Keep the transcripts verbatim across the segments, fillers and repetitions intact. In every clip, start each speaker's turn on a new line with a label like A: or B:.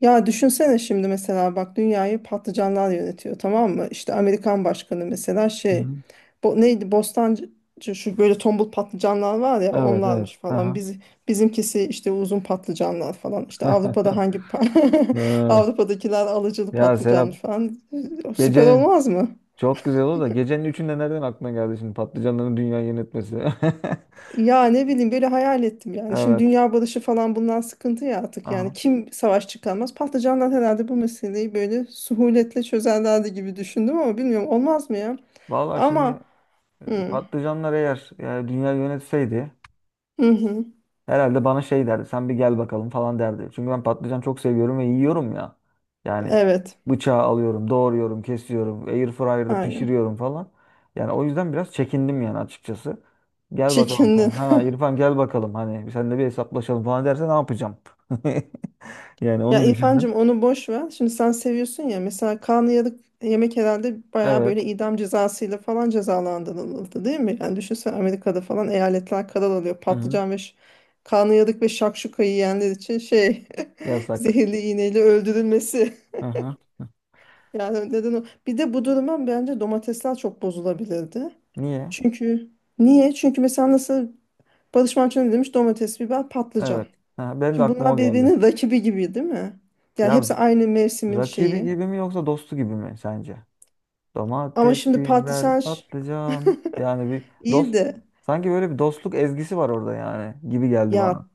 A: Ya düşünsene şimdi mesela bak dünyayı patlıcanlar yönetiyor, tamam mı? İşte Amerikan başkanı mesela
B: Hı
A: şey
B: hı.
A: bo neydi, Bostancı, şu böyle tombul patlıcanlar var ya,
B: Evet evet.
A: onlarmış falan.
B: Aha.
A: Biz bizimkisi işte uzun patlıcanlar falan. İşte Avrupa'da hangi pa-
B: Ee,
A: Avrupa'dakiler alıcılı
B: Ya
A: patlıcanmış
B: Serap
A: falan. Süper
B: gecenin
A: olmaz mı?
B: çok güzel oldu da gecenin üçünde nereden aklına geldi şimdi patlıcanların dünyayı yönetmesi?
A: Ya ne bileyim, böyle hayal ettim yani. Şimdi
B: Evet.
A: dünya barışı falan, bundan sıkıntı ya artık yani.
B: Aha.
A: Kim savaş çıkarmaz? Patlıcanlar herhalde bu meseleyi böyle suhuletle çözerlerdi gibi düşündüm ama bilmiyorum, olmaz mı ya?
B: Vallahi şimdi
A: Ama
B: e,
A: hı,
B: patlıcanlar eğer e, dünya yönetseydi
A: hı, hı.
B: herhalde bana şey derdi. Sen bir gel bakalım falan derdi. Çünkü ben patlıcan çok seviyorum ve yiyorum ya. Yani
A: Evet,
B: bıçağı alıyorum, doğruyorum, kesiyorum, air fryer'da
A: aynen.
B: pişiriyorum falan. Yani o yüzden biraz çekindim yani açıkçası. Gel bakalım
A: Çekindi.
B: sen. Ha İrfan gel bakalım. Hani sen de bir hesaplaşalım falan derse ne yapacağım? Yani
A: Ya
B: onu
A: İrfancığım,
B: düşündüm.
A: onu boş ver. Şimdi sen seviyorsun ya. Mesela karnıyarık yemek herhalde bayağı böyle
B: Evet.
A: idam cezasıyla falan cezalandırıldı, değil mi? Yani düşünsene, Amerika'da falan eyaletler karar alıyor.
B: Hı-hı.
A: Patlıcan ve ş- karnıyarık ve şakşuka yiyenler için şey
B: Yasak.
A: zehirli iğneyle öldürülmesi.
B: Hı-hı.
A: Yani neden o? Bir de bu duruma bence domatesler çok bozulabilirdi.
B: Niye?
A: Çünkü niye? Çünkü mesela nasıl Barış Manço ne demiş? Domates, biber, patlıcan.
B: Evet. Ha, benim de
A: Şimdi
B: aklıma
A: bunlar
B: o geldi.
A: birbirinin rakibi gibi değil mi? Yani
B: Ya
A: hepsi aynı mevsimin
B: rakibi
A: şeyi.
B: gibi mi yoksa dostu gibi mi sence?
A: Ama
B: Domates,
A: şimdi
B: biber,
A: patlıcan,
B: patlıcan. Yani bir
A: iyi
B: dost
A: de
B: sanki böyle bir dostluk ezgisi var orada yani gibi geldi bana.
A: ya,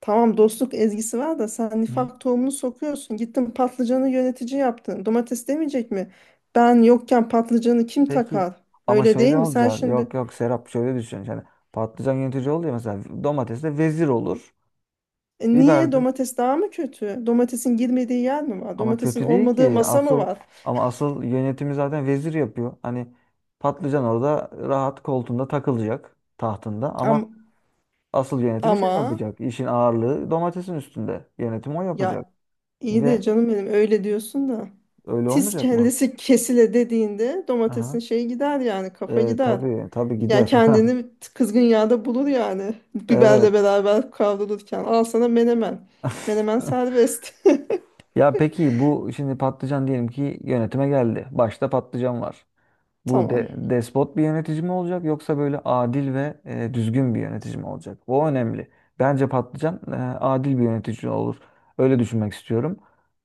A: tamam dostluk ezgisi var da sen
B: Hı.
A: nifak tohumunu sokuyorsun. Gittin patlıcanı yönetici yaptın. Domates demeyecek mi? Ben yokken patlıcanı kim
B: Peki
A: takar?
B: ama
A: Öyle değil
B: şöyle
A: mi? Sen
B: olacak.
A: şimdi,
B: Yok yok Serap şöyle düşün. Yani patlıcan yönetici oluyor mesela domates de vezir olur.
A: e, niye
B: Biber de
A: domates daha mı kötü? Domatesin girmediği yer mi var?
B: ama
A: Domatesin
B: kötü değil
A: olmadığı
B: ki.
A: masa mı
B: Asıl
A: var?
B: ama asıl yönetimi zaten vezir yapıyor. Hani patlıcan orada rahat koltuğunda takılacak tahtında ama
A: Ama,
B: asıl yönetimi şey
A: ama
B: yapacak. İşin ağırlığı domatesin üstünde. Yönetim o yapacak.
A: ya, İyi de
B: ve
A: canım benim, öyle diyorsun da.
B: Öyle
A: Tiz
B: olmayacak mı?
A: kellesi kesile dediğinde domatesin
B: Aha.
A: şeyi gider, yani kafa
B: E,
A: gider.
B: tabii tabii
A: Ya
B: gider.
A: kendini kızgın yağda bulur yani. Biberle
B: Evet.
A: beraber kavrulurken. Al sana menemen. Menemen serbest.
B: Ya peki bu şimdi patlıcan diyelim ki yönetime geldi. Başta patlıcan var. Bu de,
A: Tamam.
B: despot bir yönetici mi olacak yoksa böyle adil ve e, düzgün bir yönetici mi olacak? O önemli. Bence patlıcan e, adil bir yönetici olur. Öyle düşünmek istiyorum.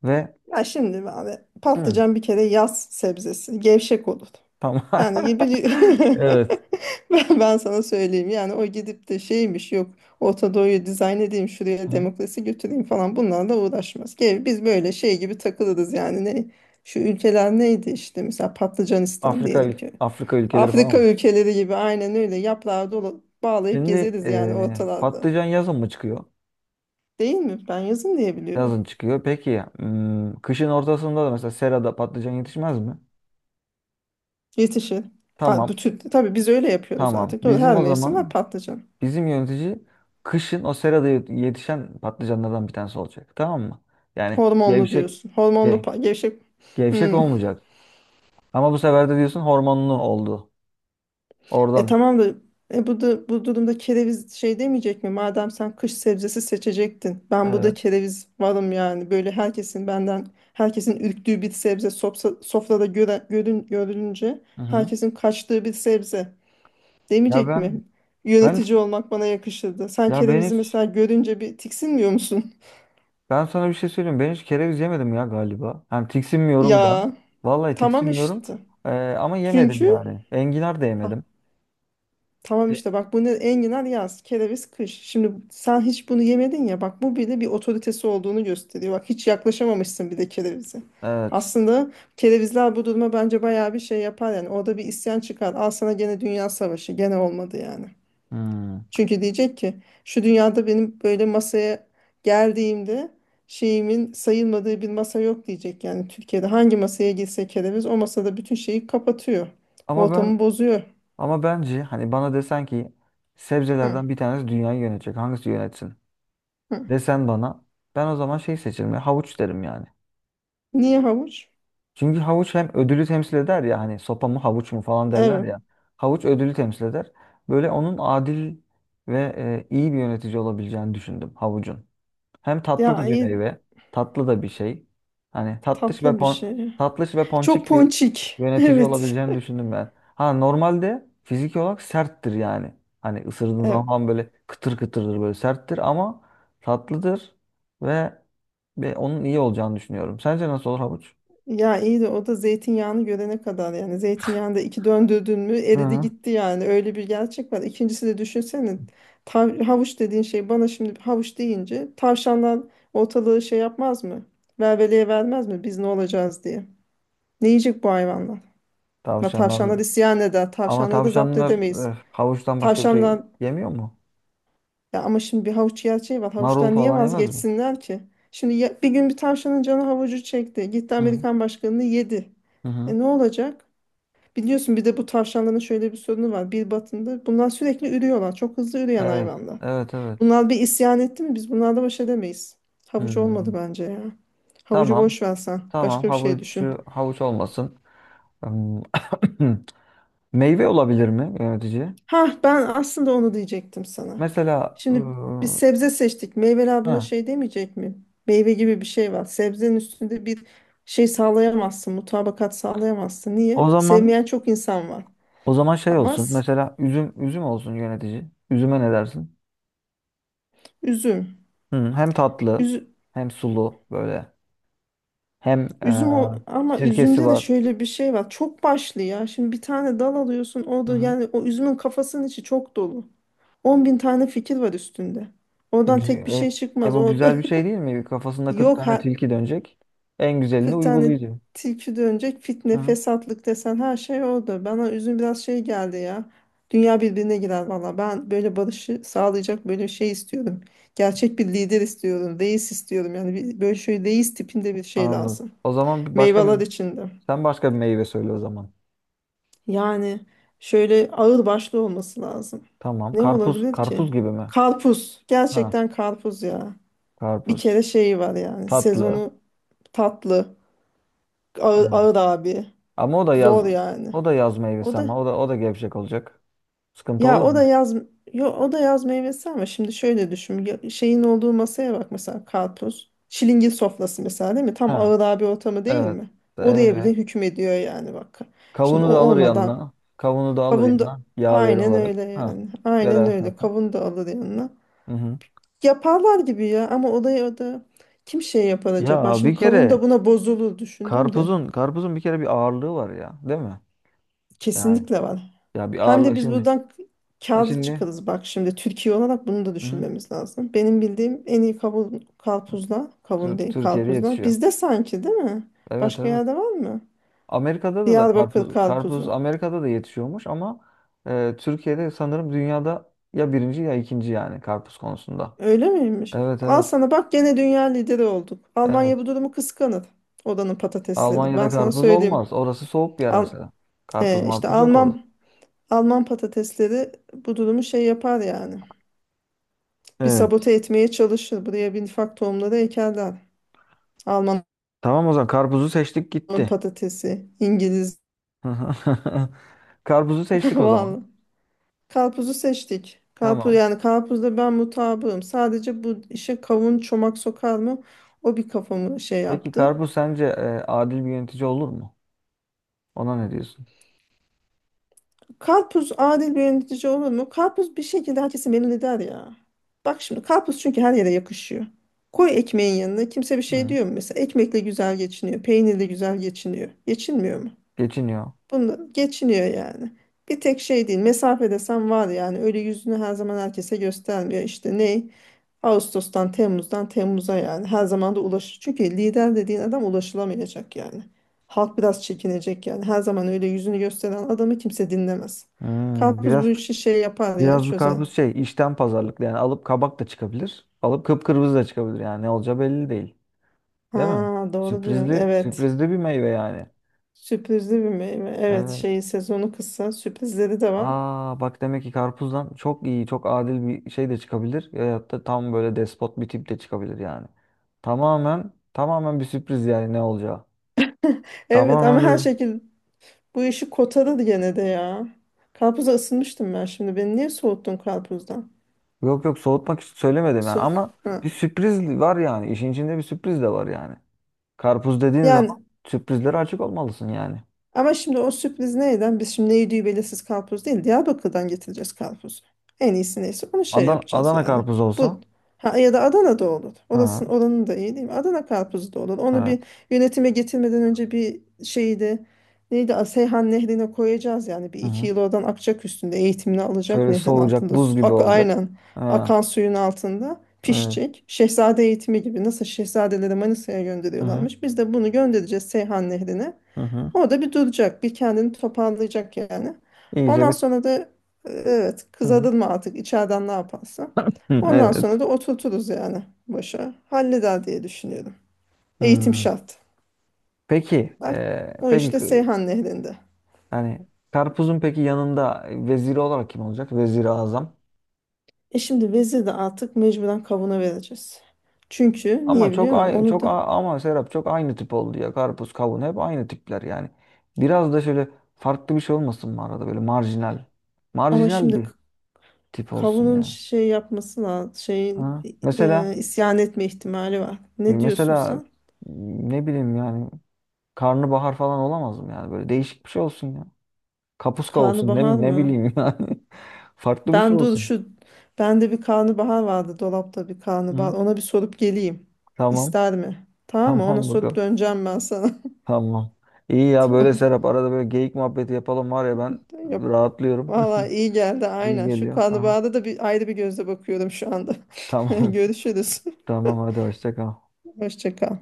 B: Ve
A: Ya şimdi abi,
B: hı,
A: patlıcan bir kere yaz sebzesi. Gevşek olur.
B: tamam.
A: Yani bir
B: Evet.
A: ben, ben sana söyleyeyim yani. O gidip de şeymiş, yok Orta Doğu'yu dizayn edeyim, şuraya
B: Hı.
A: demokrasi götüreyim falan, bunlarla uğraşmaz. Gel biz böyle şey gibi takılırız yani, ne şu ülkeler neydi, işte mesela Patlıcanistan
B: Afrika
A: diyelim
B: ül-
A: ki.
B: Afrika ülkeleri falan
A: Afrika
B: mı?
A: ülkeleri gibi aynen öyle, yaprağı dolu bağlayıp
B: Şimdi
A: gezeriz yani
B: e,
A: ortalarda.
B: patlıcan yazın mı çıkıyor?
A: Değil mi? Ben yazın diye biliyorum.
B: Yazın çıkıyor. Peki hmm, kışın ortasında da mesela serada patlıcan yetişmez mi?
A: Yetişir. Ha,
B: Tamam.
A: bütün, tabii biz öyle yapıyoruz
B: Tamam.
A: artık. Doğru,
B: Bizim
A: her
B: o
A: mevsim var
B: zaman
A: patlıcan.
B: bizim yönetici kışın o serada yet- yetişen patlıcanlardan bir tanesi olacak. Tamam mı? Yani
A: Hormonlu
B: gevşek
A: diyorsun. Hormonlu
B: ge-
A: pa- gevşek.
B: gevşek
A: Hmm.
B: olmayacak. Ama bu sefer de diyorsun hormonlu oldu.
A: E
B: Oradan.
A: tamam da, e bu da bu durumda kereviz şey demeyecek mi? Madem sen kış sebzesi seçecektin. Ben burada
B: Evet.
A: kereviz varım yani. Böyle herkesin benden, herkesin ürktüğü bir sebze, sopsa, sofrada göre, görün, görülünce
B: Hı hı.
A: herkesin kaçtığı bir sebze
B: Ya
A: demeyecek
B: ben
A: mi?
B: ben
A: Yönetici
B: hiç-
A: olmak bana yakışırdı. Sen
B: ya ben
A: kerevizi
B: hiç
A: mesela görünce bir tiksinmiyor musun?
B: ben sana bir şey söyleyeyim. Ben hiç kereviz yemedim ya galiba. Hani tiksinmiyorum da.
A: Ya
B: Vallahi
A: tamam
B: tiksinmiyorum.
A: işte.
B: Ee, ama yemedim
A: Çünkü
B: yani. Enginar da yemedim.
A: tamam
B: E,
A: işte, bak, bunu enginar yaz, kereviz kış. Şimdi sen hiç bunu yemedin ya, bak bu bile bir otoritesi olduğunu gösteriyor. Bak hiç yaklaşamamışsın bir de kerevize.
B: Evet.
A: Aslında kerevizler bu duruma bence bayağı bir şey yapar yani. Orada bir isyan çıkar. Al sana gene dünya savaşı. Gene olmadı yani.
B: Hmm.
A: Çünkü diyecek ki, şu dünyada benim böyle masaya geldiğimde şeyimin sayılmadığı bir masa yok diyecek. Yani Türkiye'de hangi masaya girse kereviz, o masada bütün şeyi kapatıyor.
B: Ama
A: Ortamı
B: ben
A: bozuyor.
B: ama bence hani bana desen ki
A: Hı,
B: sebzelerden bir tanesi dünyayı yönetecek. Hangisi yönetsin?
A: hı.
B: Desen bana ben o zaman şey seçerim ya, havuç derim yani.
A: Niye havuç?
B: Çünkü havuç hem ödülü temsil eder ya hani sopa mı havuç mu falan derler
A: Evet.
B: ya. Havuç ödülü temsil eder. Böyle onun adil ve e, iyi bir yönetici olabileceğini düşündüm havucun. Hem tatlı
A: Ya
B: da bir
A: iyi,
B: meyve, tatlı da bir şey. Hani tatlış ve
A: tatlı bir
B: pon
A: şey.
B: tatlış ve
A: Çok
B: ponçik bir
A: ponçik.
B: yönetici
A: Evet.
B: olabileceğini düşündüm ben. Ha normalde fiziki olarak serttir yani. Hani ısırdığın
A: Evet.
B: zaman böyle kıtır kıtırdır böyle serttir ama tatlıdır ve, ve onun iyi olacağını düşünüyorum. Sence nasıl olur havuç?
A: Ya iyi de o da zeytinyağını görene kadar yani, zeytinyağını da iki döndürdün mü
B: Hı
A: eridi
B: hı.
A: gitti, yani öyle bir gerçek var. İkincisi de, düşünsene, tav- havuç dediğin şey, bana şimdi havuç deyince tavşanlar ortalığı şey yapmaz mı? Velveleye vermez mi, biz ne olacağız diye. Ne yiyecek bu hayvanlar? Ya
B: Tavşanlar.
A: tavşanlar isyan eder.
B: Ama
A: Tavşanları da zapt
B: tavşanlar
A: edemeyiz.
B: eh, havuçtan başka bir şey
A: Tavşanlar
B: yemiyor mu?
A: ya, ama şimdi bir havuç gerçeği var.
B: Marul
A: Havuçtan niye
B: falan yemez mi?
A: vazgeçsinler ki? Şimdi ya- bir gün bir tavşanın canı havucu çekti. Gitti
B: Hı hı.
A: Amerikan başkanını yedi.
B: Hı hı.
A: E ne olacak? Biliyorsun bir de bu tavşanların şöyle bir sorunu var. Bir batında bunlar sürekli ürüyorlar. Çok hızlı üreyen
B: Evet.
A: hayvanlar.
B: Evet evet.
A: Bunlar bir isyan etti mi biz bunlarla baş edemeyiz. Havuç olmadı
B: Hmm.
A: bence ya. Havucu
B: Tamam.
A: boş versen.
B: Tamam
A: Başka bir şey düşün.
B: havucu havuç olmasın. Im, Meyve olabilir mi yönetici?
A: Ha, ben aslında onu diyecektim sana.
B: Mesela
A: Şimdi biz
B: ıı,
A: sebze seçtik. Meyveler buna
B: ha,
A: şey demeyecek mi? Meyve gibi bir şey var. Sebzenin üstünde bir şey sağlayamazsın. Mutabakat sağlayamazsın. Niye?
B: o zaman
A: Sevmeyen çok insan var.
B: o zaman şey
A: Ama
B: olsun.
A: s-
B: Mesela üzüm üzüm olsun yönetici. Üzüme ne dersin?
A: üzüm.
B: Hı, hem tatlı
A: Üzü-
B: hem sulu böyle. Hem e,
A: üzüm o, ama
B: sirkesi
A: üzümde de
B: var.
A: şöyle bir şey var. Çok başlı ya. Şimdi bir tane dal alıyorsun. O
B: Hı
A: da
B: hı.
A: yani, o üzümün kafasının içi çok dolu. On bin tane fikir var üstünde.
B: E,
A: Oradan
B: güzel.
A: tek bir şey
B: E, e,
A: çıkmaz.
B: bu
A: O
B: güzel bir şey değil mi? Kafasında kırk
A: yok ha,
B: tane tilki dönecek. En güzelini
A: kırk tane
B: uygulayıcı.
A: tilki dönecek,
B: Hı
A: fitne
B: hı.
A: fesatlık desen her şey oldu. Bana üzüm biraz şey geldi ya. Dünya birbirine girer valla. Ben böyle barışı sağlayacak böyle bir şey istiyorum. Gerçek bir lider istiyorum. Reis istiyorum. Yani bir, böyle şöyle reis tipinde bir şey
B: Anladım.
A: lazım.
B: O zaman bir başka
A: Meyveler
B: bir
A: içinde.
B: sen başka bir meyve söyle o zaman.
A: Yani şöyle ağır başlı olması lazım.
B: Tamam.
A: Ne
B: Karpuz,
A: olabilir ki?
B: karpuz gibi mi?
A: Karpuz.
B: Ha,
A: Gerçekten karpuz ya. Bir
B: karpuz.
A: kere şeyi var yani.
B: Tatlı.
A: Sezonu tatlı. Ağır,
B: Evet.
A: ağır abi.
B: Ama o da yaz
A: Zor yani.
B: o da yaz
A: O
B: meyvesi
A: da,
B: ama o da o da gevşek olacak. Sıkıntı
A: ya
B: olur
A: o da
B: mu?
A: yaz, yo, o da yaz meyvesi. Ama şimdi şöyle düşün, ya- şeyin olduğu masaya bak, mesela karpuz çilingir sofrası mesela değil mi, tam
B: Ha,
A: ağır bir ortamı değil
B: evet.
A: mi, oraya bile
B: Evet.
A: hükmediyor yani. Bak şimdi
B: Kavunu
A: o
B: da alır
A: olmadan,
B: yanına. Kavunu da alır
A: kavun da
B: yanına yaveri
A: aynen
B: olarak.
A: öyle
B: Ha,
A: yani, aynen
B: beraber.
A: öyle kavun da alır yanına,
B: Hı hı.
A: yaparlar gibi ya, ama odaya da kim şey yapar acaba,
B: Ya
A: şimdi
B: bir
A: kavun da
B: kere
A: buna bozulur düşündüm de.
B: karpuzun karpuzun bir kere bir ağırlığı var ya, değil mi? Yani
A: Kesinlikle var.
B: ya bir
A: Hem de
B: ağırlığı
A: biz
B: şimdi.
A: buradan
B: Ha
A: kârlı
B: şimdi.
A: çıkarız, bak şimdi Türkiye olarak bunu da
B: Hı hı.
A: düşünmemiz lazım. Benim bildiğim en iyi kavun, karpuzlar, kavun
B: Tür-
A: değil
B: Türkiye'de
A: karpuzlar
B: yetişiyor.
A: bizde sanki, değil mi?
B: Evet
A: Başka
B: evet.
A: yerde var mı?
B: Amerika'da da, da
A: Diyarbakır
B: karpuz, karpuz
A: karpuzu.
B: Amerika'da da yetişiyormuş ama e, Türkiye'de sanırım dünyada ya birinci ya ikinci yani karpuz konusunda.
A: Öyle miymiş?
B: Evet
A: Al
B: evet
A: sana bak, gene dünya lideri olduk. Almanya
B: evet.
A: bu durumu kıskanır. Oranın patatesleri. Ben
B: Almanya'da
A: sana
B: karpuz
A: söyleyeyim.
B: olmaz. Orası soğuk bir yer
A: Al,
B: mesela. Karpuz
A: e, işte
B: marpuz yok orada.
A: Alman Alman patatesleri bu durumu şey yapar yani. Bir
B: Evet.
A: sabote etmeye çalışır. Buraya bir nifak tohumları ekerler. Almanın
B: Tamam o zaman karpuzu seçtik gitti.
A: patatesi, İngiliz
B: Karpuzu seçtik o zaman.
A: vallahi. Karpuzu seçtik. Karpuz
B: Tamam.
A: yani, karpuzda ben mutabığım. Sadece bu işe kavun çomak sokar mı? O bir kafamı şey
B: Peki
A: yaptı.
B: karpuz sence e, adil bir yönetici olur mu? Ona ne diyorsun?
A: Karpuz adil bir yönetici olur mu? Karpuz bir şekilde herkesi memnun eder ya. Bak şimdi karpuz, çünkü her yere yakışıyor. Koy ekmeğin yanına, kimse bir şey
B: Hı.
A: diyor mu mesela? Ekmekle güzel geçiniyor, peynirle güzel geçiniyor. Geçinmiyor mu?
B: Geçiniyor.
A: Bunu geçiniyor yani. Bir tek şey değil. Mesafe desem var yani. Öyle yüzünü her zaman herkese göstermiyor. İşte ne? Ağustos'tan, Temmuz'dan Temmuz'a yani. Her zaman da ulaş. Çünkü lider dediğin adam ulaşılamayacak yani. Halk biraz çekinecek yani. Her zaman öyle yüzünü gösteren adamı kimse dinlemez.
B: Hmm,
A: Karpuz bu
B: biraz
A: işi şey yapar ya,
B: Biraz bir
A: çözer.
B: karpuz şey işten pazarlıklı yani alıp kabak da çıkabilir. Alıp kıpkırmızı da çıkabilir yani ne olacağı belli değil.
A: Ha
B: Değil mi?
A: doğru diyorsun.
B: Sürprizli
A: Evet.
B: sürprizli bir meyve yani.
A: Sürprizli bir meyve. Evet,
B: Evet.
A: şeyi sezonu kısa. Sürprizleri de var.
B: Aa bak demek ki karpuzdan çok iyi çok adil bir şey de çıkabilir. Ya da tam böyle despot bir tip de çıkabilir yani. Tamamen tamamen bir sürpriz yani ne olacağı.
A: Evet, ama
B: Tamamen
A: her
B: bir
A: şekilde bu işi kotaladı gene de ya. Karpuza ısınmıştım ben şimdi. Beni niye soğuttun karpuzdan?
B: yok yok soğutmak için söylemedim yani
A: Su.
B: ama
A: Ha.
B: bir sürpriz var yani. İşin içinde bir sürpriz de var yani. Karpuz dediğin zaman
A: Yani
B: sürprizlere açık olmalısın yani.
A: ama şimdi o sürpriz neyden? Biz şimdi ne yediği belirsiz karpuz değil, Diyarbakır'dan getireceğiz karpuzu. En iyisi neyse onu şey
B: Adana,
A: yapacağız
B: Adana
A: yani.
B: karpuz
A: Bu
B: olsa.
A: ha, ya da Adana'da olur. Orasının,
B: Ha,
A: oranın da iyi değil mi? Adana karpuzu da olur. Onu bir
B: evet.
A: yönetime getirmeden önce bir şeydi. Neydi? A- Seyhan Nehri'ne koyacağız yani. Bir
B: Hı
A: iki
B: hı.
A: yıl oradan akacak üstünde. Eğitimini alacak
B: Şöyle
A: nehrin
B: soğuyacak,
A: altında.
B: buz
A: Su-
B: gibi
A: Ak,
B: olacak.
A: aynen.
B: Ha,
A: Akan suyun altında
B: evet.
A: pişecek. Şehzade eğitimi gibi. Nasıl şehzadeleri Manisa'ya
B: Hı hı.
A: gönderiyorlarmış, biz de bunu göndereceğiz Seyhan Nehri'ne.
B: Hı hı.
A: Orada bir duracak, bir kendini toparlayacak yani.
B: İyice
A: Ondan
B: bir.
A: sonra da, e, evet
B: Hı
A: kız
B: hı.
A: mı artık içeriden, ne yaparsa.
B: Hı,
A: Ondan
B: evet.
A: sonra da oturturuz yani başa. Halleder diye düşünüyorum. Eğitim
B: Hı.
A: şart.
B: Peki,
A: Bak,
B: e,
A: o
B: peki
A: işte
B: k-
A: Seyhan Nehri'nde.
B: yani karpuzun peki yanında veziri olarak kim olacak? Veziri Azam.
A: E şimdi vezir de artık mecburen kavuna vereceğiz. Çünkü
B: Ama
A: niye
B: çok
A: biliyor musun?
B: ay
A: Onu
B: çok
A: da,
B: a- ama Serap çok aynı tip oldu ya. Karpuz, kavun hep aynı tipler yani. Biraz da şöyle farklı bir şey olmasın mı arada böyle marjinal.
A: ama
B: Marjinal
A: şimdi k-
B: bir tip olsun
A: kavunun
B: yani.
A: şey yapması lazım. Şeyin,
B: Ha.
A: e,
B: Mesela
A: isyan etme ihtimali var.
B: E,
A: Ne diyorsun
B: Mesela
A: sen?
B: ne bileyim yani karnabahar falan olamaz mı yani böyle değişik bir şey olsun ya. Kapuska olsun
A: Karnabahar
B: ne, ne
A: mı?
B: bileyim yani. Farklı bir şey
A: Ben dur,
B: olsun.
A: şu bende bir karnabahar vardı dolapta, bir karnabahar.
B: Hı?
A: Ona bir sorup geleyim.
B: Tamam.
A: İster mi? Tamam mı? Ona
B: Tamam
A: sorup
B: bakalım.
A: döneceğim ben sana.
B: Tamam. İyi ya böyle
A: Tamam.
B: Serap arada böyle geyik muhabbeti yapalım var ya ben
A: Yap.
B: rahatlıyorum.
A: Valla iyi geldi
B: İyi
A: aynen. Şu
B: geliyor. Aha.
A: karnabahara da bir ayrı bir gözle bakıyorum şu anda.
B: Tamam.
A: Görüşürüz.
B: Tamam hadi hoşça kal.
A: Hoşça kal.